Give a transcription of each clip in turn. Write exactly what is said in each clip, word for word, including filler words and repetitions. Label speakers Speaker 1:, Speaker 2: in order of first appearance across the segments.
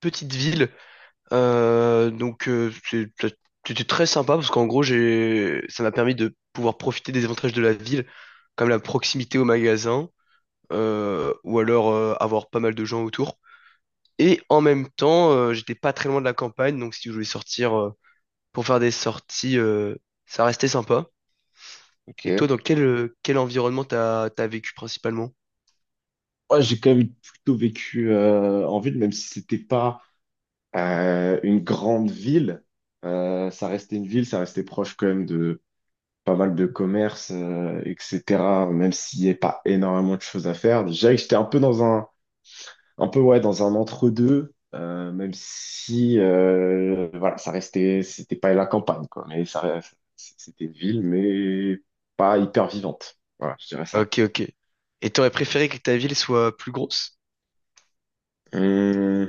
Speaker 1: Petite ville. Euh, donc euh, c'est- c'était très sympa parce qu'en gros j'ai ça m'a permis de pouvoir profiter des avantages de la ville, comme la proximité au magasin, euh, ou alors euh, avoir pas mal de gens autour. Et en même temps, euh, j'étais pas très loin de la campagne, donc si je voulais sortir euh, pour faire des sorties, euh, ça restait sympa.
Speaker 2: Ok.
Speaker 1: Et
Speaker 2: Ouais,
Speaker 1: toi, dans quel, euh, quel environnement t'as, t'as vécu principalement?
Speaker 2: j'ai quand même plutôt vécu euh, en ville, même si c'était pas euh, une grande ville. Euh, ça restait une ville, ça restait proche quand même de pas mal de commerces, euh, et cætera. Même s'il n'y avait pas énormément de choses à faire. Déjà, j'étais un peu dans un, un peu ouais, dans un entre-deux, euh, même si euh, voilà, ça restait, c'était pas la campagne, quoi. Mais ça, reste- c'était une ville, mais pas hyper vivante. Voilà, je dirais ça.
Speaker 1: Ok, ok. Et t'aurais préféré que ta ville soit plus grosse?
Speaker 2: Hum.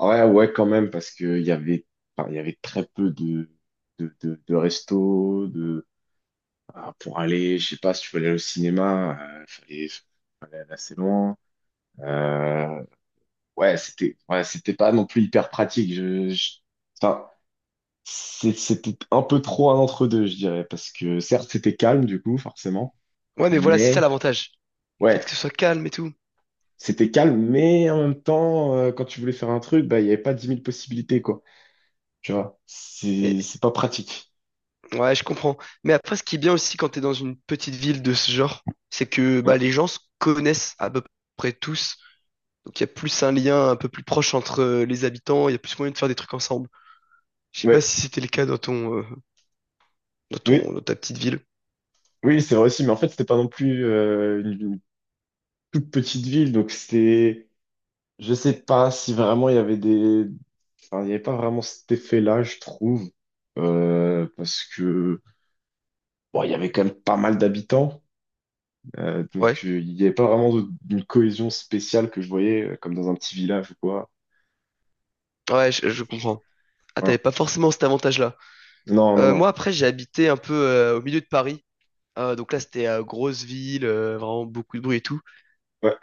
Speaker 2: Ouais, ouais, quand même, parce que il y avait, enfin, il y avait très peu de, de, de, de restos, de, ah, pour aller, je sais pas, si tu voulais aller au cinéma, euh, fallait, fallait aller assez loin. Euh, ouais, c'était, ouais, c'était pas non plus hyper pratique. Je, je- enfin, c'est- c'était un peu trop un entre-deux, je dirais, parce que certes, c'était calme, du coup, forcément,
Speaker 1: Ouais, mais voilà, c'est ça
Speaker 2: mais
Speaker 1: l'avantage. Le fait
Speaker 2: ouais,
Speaker 1: que ce soit calme et tout.
Speaker 2: c'était calme, mais en même temps, euh, quand tu voulais faire un truc, bah, il y avait pas dix mille possibilités, quoi. Tu vois, c'est, c'est pas pratique.
Speaker 1: Ouais, je comprends. Mais après, ce qui est bien aussi quand t'es dans une petite ville de ce genre, c'est que bah,
Speaker 2: Ouais.
Speaker 1: les gens se connaissent à peu près tous. Donc il y a plus un lien un peu plus proche entre euh, les habitants, il y a plus moyen de faire des trucs ensemble. Je sais pas
Speaker 2: Ouais.
Speaker 1: si c'était le cas dans ton, euh, dans
Speaker 2: Oui,
Speaker 1: ton, dans ta petite ville.
Speaker 2: oui, c'est vrai aussi, mais en fait, c'était pas non plus euh, une, une toute petite ville, donc c'était, je sais pas si vraiment il y avait des, enfin, il y avait pas vraiment cet effet-là, je trouve, euh, parce que bon, il y avait quand même pas mal d'habitants, euh, donc
Speaker 1: Ouais,
Speaker 2: euh, il y avait pas vraiment de- d'une cohésion spéciale que je voyais euh, comme dans un petit village ou quoi.
Speaker 1: ouais, je, je comprends. Ah, t'avais
Speaker 2: Voilà.
Speaker 1: pas forcément cet avantage-là.
Speaker 2: Non, non,
Speaker 1: Euh,
Speaker 2: non.
Speaker 1: moi, après, j'ai habité un peu euh, au milieu de Paris. Euh, donc là, c'était euh, grosse ville, euh, vraiment beaucoup de bruit et tout.
Speaker 2: Ouais,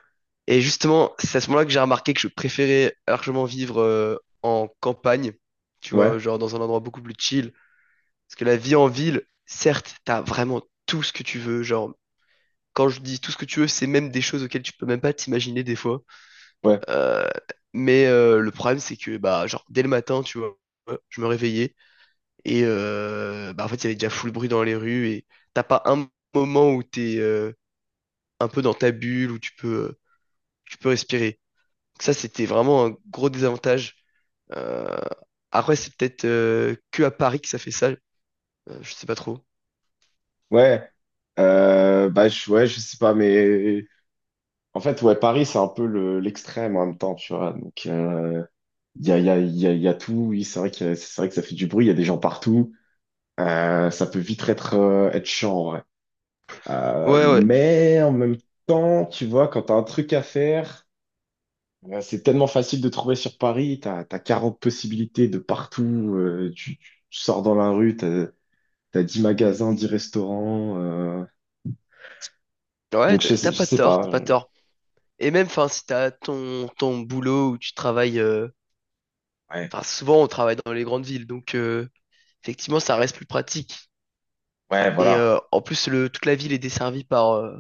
Speaker 1: Et justement, c'est à ce moment-là que j'ai remarqué que je préférais largement vivre euh, en campagne, tu vois,
Speaker 2: ouais,
Speaker 1: genre dans un endroit beaucoup plus chill. Parce que la vie en ville, certes, t'as vraiment tout ce que tu veux. Genre, quand je dis tout ce que tu veux, c'est même des choses auxquelles tu peux même pas t'imaginer des fois.
Speaker 2: ouais,
Speaker 1: Euh, mais euh, le problème, c'est que, bah, genre, dès le matin, tu vois, je me réveillais et, euh, bah, en fait, il y avait déjà full bruit dans les rues et t'as pas un moment où t'es euh, un peu dans ta bulle, où tu peux, tu peux respirer. Ça, c'était vraiment un gros désavantage. Euh, Après, c'est peut-être euh, que à Paris que ça fait ça. Euh, je sais pas trop.
Speaker 2: ouais. Euh, bah, je, ouais, je sais pas, mais en fait, ouais, Paris, c'est un peu le- l'extrême en même temps, tu vois, donc euh, il y a, il y a, il y a, il y a tout, oui, c'est vrai que, c'est vrai que ça fait du bruit, il y a des gens partout. Euh, ça peut vite être, euh, être chiant, ouais. Euh,
Speaker 1: Ouais, ouais.
Speaker 2: mais en même temps, tu vois, quand t'as un truc à faire, euh, c'est tellement facile de trouver sur Paris, t'as, t'as quarante possibilités de partout, euh, tu, tu sors dans la rue, t'as, t'as dix magasins, dix restaurants, euh,
Speaker 1: Ouais,
Speaker 2: donc
Speaker 1: t'as
Speaker 2: je,
Speaker 1: t'as
Speaker 2: sais- je
Speaker 1: pas
Speaker 2: sais
Speaker 1: tort,
Speaker 2: pas.
Speaker 1: t'as pas
Speaker 2: Euh,
Speaker 1: tort. Et même, enfin, si t'as ton, ton boulot où tu travailles. euh,
Speaker 2: ouais,
Speaker 1: Enfin, souvent, on travaille dans les grandes villes. Donc, euh, effectivement, ça reste plus pratique.
Speaker 2: ouais,
Speaker 1: Et
Speaker 2: voilà.
Speaker 1: euh, en plus, le, toute la ville est desservie par, euh,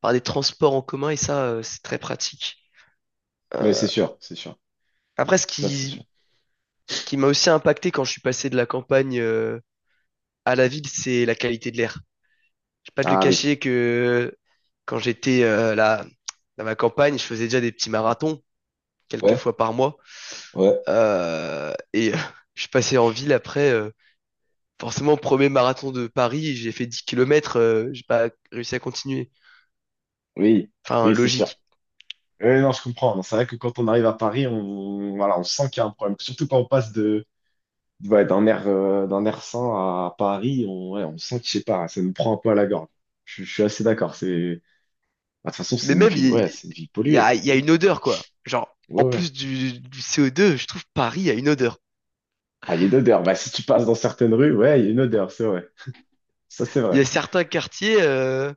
Speaker 1: par des transports en commun. Et ça, euh, c'est très pratique.
Speaker 2: Ouais, c'est
Speaker 1: Euh,
Speaker 2: sûr, c'est sûr.
Speaker 1: Après, ce
Speaker 2: Ça, c'est sûr.
Speaker 1: qui, ce qui m'a aussi impacté quand je suis passé de la campagne euh, à la ville, c'est la qualité de l'air. Je vais pas te le
Speaker 2: Ah oui.
Speaker 1: cacher que quand j'étais euh, là, dans ma campagne, je faisais déjà des petits marathons quelques
Speaker 2: Ouais,
Speaker 1: fois par mois.
Speaker 2: ouais,
Speaker 1: Euh, et euh, je suis passé en ville après. Euh, forcément, premier marathon de Paris, j'ai fait dix kilomètres. Euh, j'ai pas réussi à continuer.
Speaker 2: oui,
Speaker 1: Enfin,
Speaker 2: oui, c'est sûr.
Speaker 1: logique.
Speaker 2: Oui, non, je comprends. Non, c'est vrai que quand on arrive à Paris, on, voilà, on sent qu'il y a un problème. Surtout quand on passe de, de- ouais, d'un air, euh, d'un air sain à Paris, on, ouais, on sent que, je sais pas, ça nous prend un peu à la gorge. Je, je suis assez d'accord. C'est, bah, de toute façon, c'est
Speaker 1: Mais
Speaker 2: une
Speaker 1: même,
Speaker 2: ville,
Speaker 1: il
Speaker 2: ouais, c'est une ville
Speaker 1: il y,
Speaker 2: polluée,
Speaker 1: a,
Speaker 2: quoi.
Speaker 1: il y a
Speaker 2: Oui,
Speaker 1: une odeur, quoi. Genre,
Speaker 2: ouais,
Speaker 1: en
Speaker 2: ouais.
Speaker 1: plus du, du C O deux, je trouve Paris a une odeur.
Speaker 2: Ah, il y a une odeur. Bah, si tu passes dans certaines rues, ouais, il y a une odeur, c'est vrai. Ça, c'est
Speaker 1: Il y
Speaker 2: vrai.
Speaker 1: a certains quartiers, euh,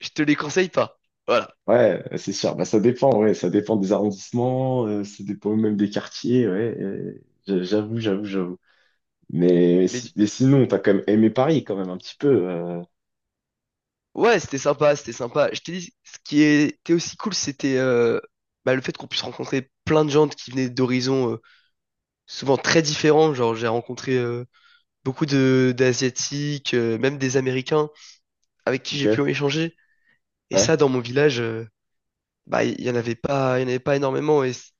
Speaker 1: je te les conseille pas. Voilà.
Speaker 2: Ouais, c'est sûr. Bah, ça dépend, ouais, ça dépend des arrondissements, euh, ça dépend même des quartiers, ouais. Euh, j'a- j'avoue, j'avoue, j'avoue. Mais, si-
Speaker 1: Mais
Speaker 2: mais sinon, t'as quand même aimé Paris, quand même, un petit peu. Euh,
Speaker 1: Ouais, c'était sympa, c'était sympa. Je t'ai dit, ce qui était aussi cool, c'était euh, bah, le fait qu'on puisse rencontrer plein de gens qui venaient d'horizons euh, souvent très différents. Genre, j'ai rencontré euh, beaucoup de d'Asiatiques, euh, même des Américains, avec qui j'ai
Speaker 2: ok,
Speaker 1: pu échanger. Et
Speaker 2: ouais,
Speaker 1: ça, dans mon village, euh, bah, il y en avait pas, il y en avait pas énormément. Et c-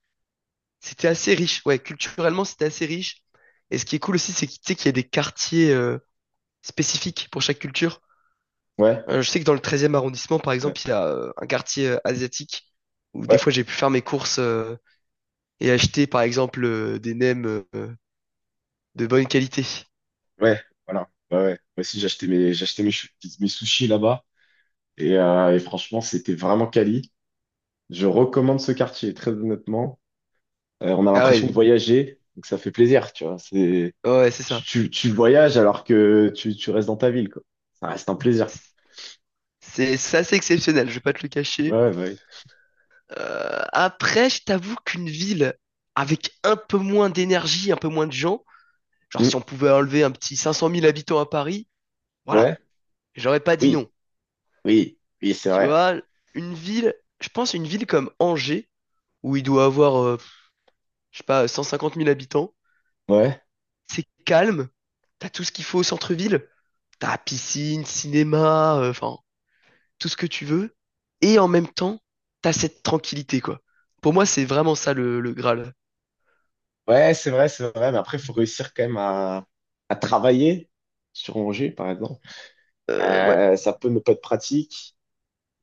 Speaker 1: c'était assez riche. Ouais, culturellement, c'était assez riche. Et ce qui est cool aussi, c'est que tu sais qu'il y a des quartiers euh, spécifiques pour chaque culture.
Speaker 2: ouais,
Speaker 1: Euh, je sais que dans le treizième arrondissement, par
Speaker 2: ouais,
Speaker 1: exemple, il y a euh, un quartier euh, asiatique où
Speaker 2: ouais,
Speaker 1: des fois j'ai pu faire mes courses euh, et acheter, par exemple, euh, des nems euh, de bonne qualité.
Speaker 2: ouais, voilà. Ouais, ouais. Moi aussi, j'ai acheté mes, j'ai acheté mes, chou- mes sushis là-bas et, euh, et franchement, c'était vraiment quali. Je recommande ce quartier, très honnêtement. Euh, on a
Speaker 1: Ah
Speaker 2: l'impression de
Speaker 1: ouais,
Speaker 2: voyager, donc ça fait plaisir, tu vois. C'est,
Speaker 1: ouais, ouais, c'est
Speaker 2: tu,
Speaker 1: ça.
Speaker 2: tu, tu voyages alors que tu, tu restes dans ta ville, quoi. Ça reste un plaisir.
Speaker 1: C'est c'est assez exceptionnel, je vais pas te le cacher.
Speaker 2: Ouais, ouais.
Speaker 1: Euh, après, je t'avoue qu'une ville avec un peu moins d'énergie, un peu moins de gens, genre si
Speaker 2: Hmm,
Speaker 1: on pouvait enlever un petit cinq cent mille habitants à Paris, voilà,
Speaker 2: ouais,
Speaker 1: j'aurais pas dit
Speaker 2: oui,
Speaker 1: non.
Speaker 2: oui, oui, c'est
Speaker 1: Tu
Speaker 2: vrai.
Speaker 1: vois, une ville, je pense une ville comme Angers, où il doit avoir euh, je sais pas, cent cinquante mille habitants.
Speaker 2: Ouais,
Speaker 1: C'est calme, t'as tout ce qu'il faut au centre-ville. T'as piscine, cinéma, euh, enfin, tout ce que tu veux. Et en même temps, t'as cette tranquillité, quoi. Pour moi, c'est vraiment ça le, le Graal.
Speaker 2: ouais, c'est vrai, c'est vrai. Mais après, il faut réussir quand même à, à travailler sur Angers, par exemple.
Speaker 1: Euh, ouais.
Speaker 2: Euh, ça peut ne pas être pratique.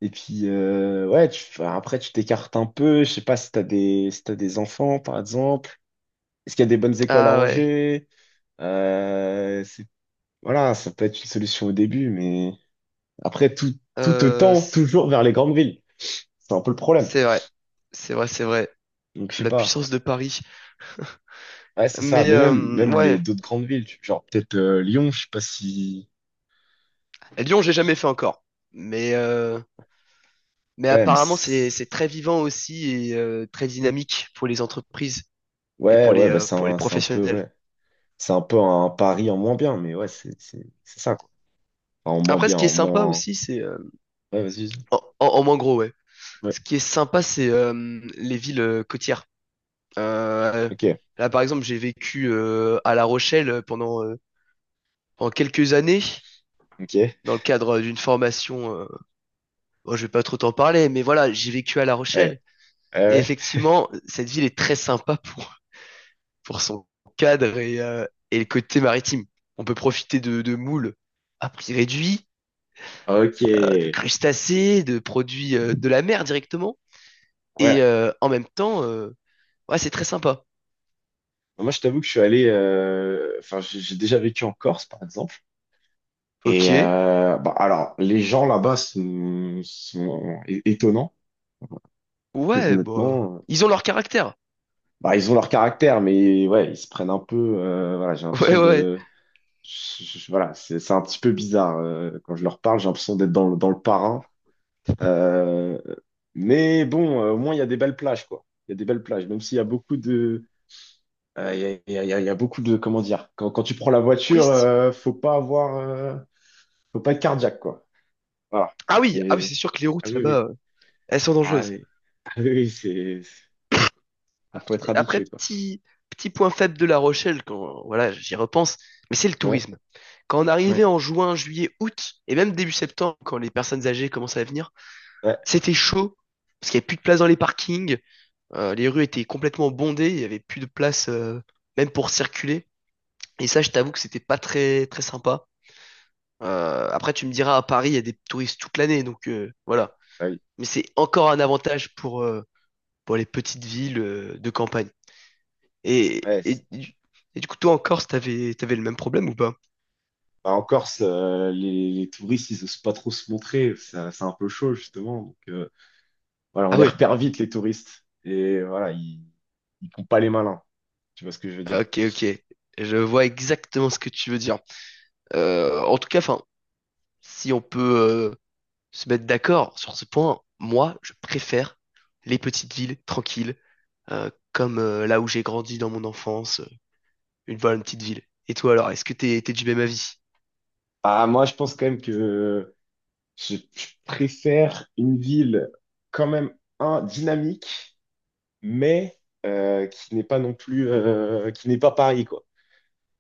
Speaker 2: Et puis, euh, ouais, tu, enfin, après, tu t'écartes un peu. Je sais pas si t'as des, si t'as des enfants, par exemple. Est-ce qu'il y a des bonnes écoles à
Speaker 1: Ah ouais.
Speaker 2: Angers? Euh, c'est, voilà, ça peut être une solution au début, mais après, tout, tout te
Speaker 1: Euh,
Speaker 2: tend
Speaker 1: c-
Speaker 2: toujours vers les grandes villes. C'est un peu le problème.
Speaker 1: c'est vrai. C'est vrai, c'est vrai.
Speaker 2: Donc, je sais
Speaker 1: La
Speaker 2: pas.
Speaker 1: puissance de Paris.
Speaker 2: Ouais, c'est ça.
Speaker 1: Mais
Speaker 2: Mais
Speaker 1: euh,
Speaker 2: même, même les
Speaker 1: ouais.
Speaker 2: d'autres grandes villes, tu- genre peut-être euh, Lyon, je sais pas si.
Speaker 1: Lyon, j'ai jamais fait encore. Mais, euh, mais
Speaker 2: Ouais, mais
Speaker 1: apparemment,
Speaker 2: c'est-
Speaker 1: c'est,
Speaker 2: c'est-
Speaker 1: c'est très vivant aussi et euh, très dynamique pour les entreprises et
Speaker 2: ouais,
Speaker 1: pour les,
Speaker 2: ouais, bah,
Speaker 1: euh,
Speaker 2: c'est
Speaker 1: pour les
Speaker 2: un, c'est un peu,
Speaker 1: professionnels.
Speaker 2: ouais. C'est un peu un pari en moins bien, mais ouais, c'est, c'est, c'est ça, quoi. Enfin, en moins
Speaker 1: Après, ce
Speaker 2: bien,
Speaker 1: qui est
Speaker 2: en
Speaker 1: sympa
Speaker 2: moins.
Speaker 1: aussi, c'est. euh,
Speaker 2: Ouais, vas-y.
Speaker 1: en, en- en moins gros, ouais.
Speaker 2: Ouais.
Speaker 1: Ce qui est sympa, c'est euh, les villes euh, côtières. Euh,
Speaker 2: Ok.
Speaker 1: Là, par exemple, j'ai vécu euh, à La Rochelle euh, pendant, euh, pendant quelques années,
Speaker 2: Ok.
Speaker 1: dans le cadre d'une formation. Euh, bon, je vais pas trop t'en parler, mais voilà, j'ai vécu à La
Speaker 2: Ouais.
Speaker 1: Rochelle. Et
Speaker 2: Ouais,
Speaker 1: effectivement, cette ville est très sympa pour, pour son cadre et, euh, et le côté maritime. On peut profiter de, de moules à prix réduit,
Speaker 2: ouais.
Speaker 1: euh, de
Speaker 2: Ok.
Speaker 1: crustacés, de produits euh, de la mer directement.
Speaker 2: Ouais.
Speaker 1: Et euh, en même temps, euh, ouais, c'est très sympa.
Speaker 2: Moi, je t'avoue que je suis allé. Euh, enfin, j'ai j'ai déjà vécu en Corse, par exemple.
Speaker 1: Ok.
Speaker 2: Et euh, bah, alors, les gens là-bas sont, sont é- étonnants. Parce que
Speaker 1: Ouais, bah.
Speaker 2: honnêtement, euh,
Speaker 1: Ils ont leur caractère.
Speaker 2: bah, ils ont leur caractère, mais ouais, ils se prennent un peu. Euh, voilà, j'ai l'impression
Speaker 1: Ouais, ouais.
Speaker 2: de. je- je- je- voilà, c'est c'est un petit peu bizarre. Euh, quand je leur parle, j'ai l'impression d'être dans, le- dans le parrain. Euh, mais bon, euh, au moins, il y a des belles plages, quoi. Il y a des belles plages, même s'il y a beaucoup de... Euh, il y a, il y a- il y a- il y a beaucoup de... Comment dire? Quand, quand tu prends la voiture,
Speaker 1: Touristes.
Speaker 2: euh, faut pas avoir... Euh, faut pas être cardiaque, quoi. Voilà.
Speaker 1: Ah oui, ah oui,
Speaker 2: Mais...
Speaker 1: c'est sûr que les
Speaker 2: Ah
Speaker 1: routes
Speaker 2: oui, oui.
Speaker 1: là-bas, euh, elles sont
Speaker 2: Ah
Speaker 1: dangereuses.
Speaker 2: oui, ah, oui, oui, c'est... Faut faut
Speaker 1: Après,
Speaker 2: être
Speaker 1: après,
Speaker 2: habitué, quoi.
Speaker 1: petit, petit point faible de La Rochelle, quand voilà, j'y repense, mais c'est le
Speaker 2: Ouais,
Speaker 1: tourisme. Quand on
Speaker 2: ouais,
Speaker 1: arrivait en juin, juillet, août, et même début septembre, quand les personnes âgées commençaient à venir,
Speaker 2: ouais,
Speaker 1: c'était chaud, parce qu'il n'y avait plus de place dans les parkings, euh, les rues étaient complètement bondées, il n'y avait plus de place euh, même pour circuler. Et ça, je t'avoue que c'était pas très, très sympa. Euh, après, tu me diras, à Paris, il y a des touristes toute l'année, donc euh,
Speaker 2: ouais.
Speaker 1: voilà.
Speaker 2: Ah oui,
Speaker 1: Mais c'est encore un avantage pour, euh, pour les petites villes euh, de campagne. Et,
Speaker 2: ouais.
Speaker 1: et,
Speaker 2: C'est-
Speaker 1: du et du coup, toi en Corse, t'avais, t'avais le même problème ou pas?
Speaker 2: bah, en Corse, euh, les, les touristes, ils osent pas trop se montrer. Ça- c'est un peu chaud, justement. Voilà, on
Speaker 1: Ah
Speaker 2: les
Speaker 1: ouais,
Speaker 2: repère vite, les touristes. Et voilà, ils ne font pas les malins. Tu vois ce que je veux dire?
Speaker 1: ok, ok. Je vois exactement ce que tu veux dire. Euh, en tout cas, enfin, si on peut euh, se mettre d'accord sur ce point, moi, je préfère les petites villes tranquilles, euh, comme euh, là où j'ai grandi dans mon enfance, euh, une, voilà, une petite ville. Et toi alors, est-ce que t'es, t'es du même avis?
Speaker 2: Ah, moi, je pense quand même que je, je préfère une ville quand même, un, dynamique, mais euh, qui n'est pas non plus, euh, qui n'est pas Paris, quoi.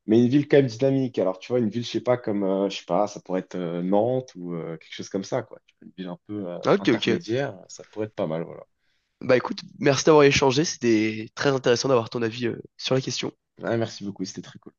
Speaker 2: Mais une ville quand même dynamique. Alors, tu vois, une ville, je sais pas, comme, euh, je sais pas, ça pourrait être euh, Nantes ou euh, quelque chose comme ça, quoi. Une ville un peu euh,
Speaker 1: Ah, ok, ok.
Speaker 2: intermédiaire, ça pourrait être pas mal, voilà.
Speaker 1: Bah écoute, merci d'avoir échangé, c'était très intéressant d'avoir ton avis euh, sur la question.
Speaker 2: Ouais, merci beaucoup, c'était très cool.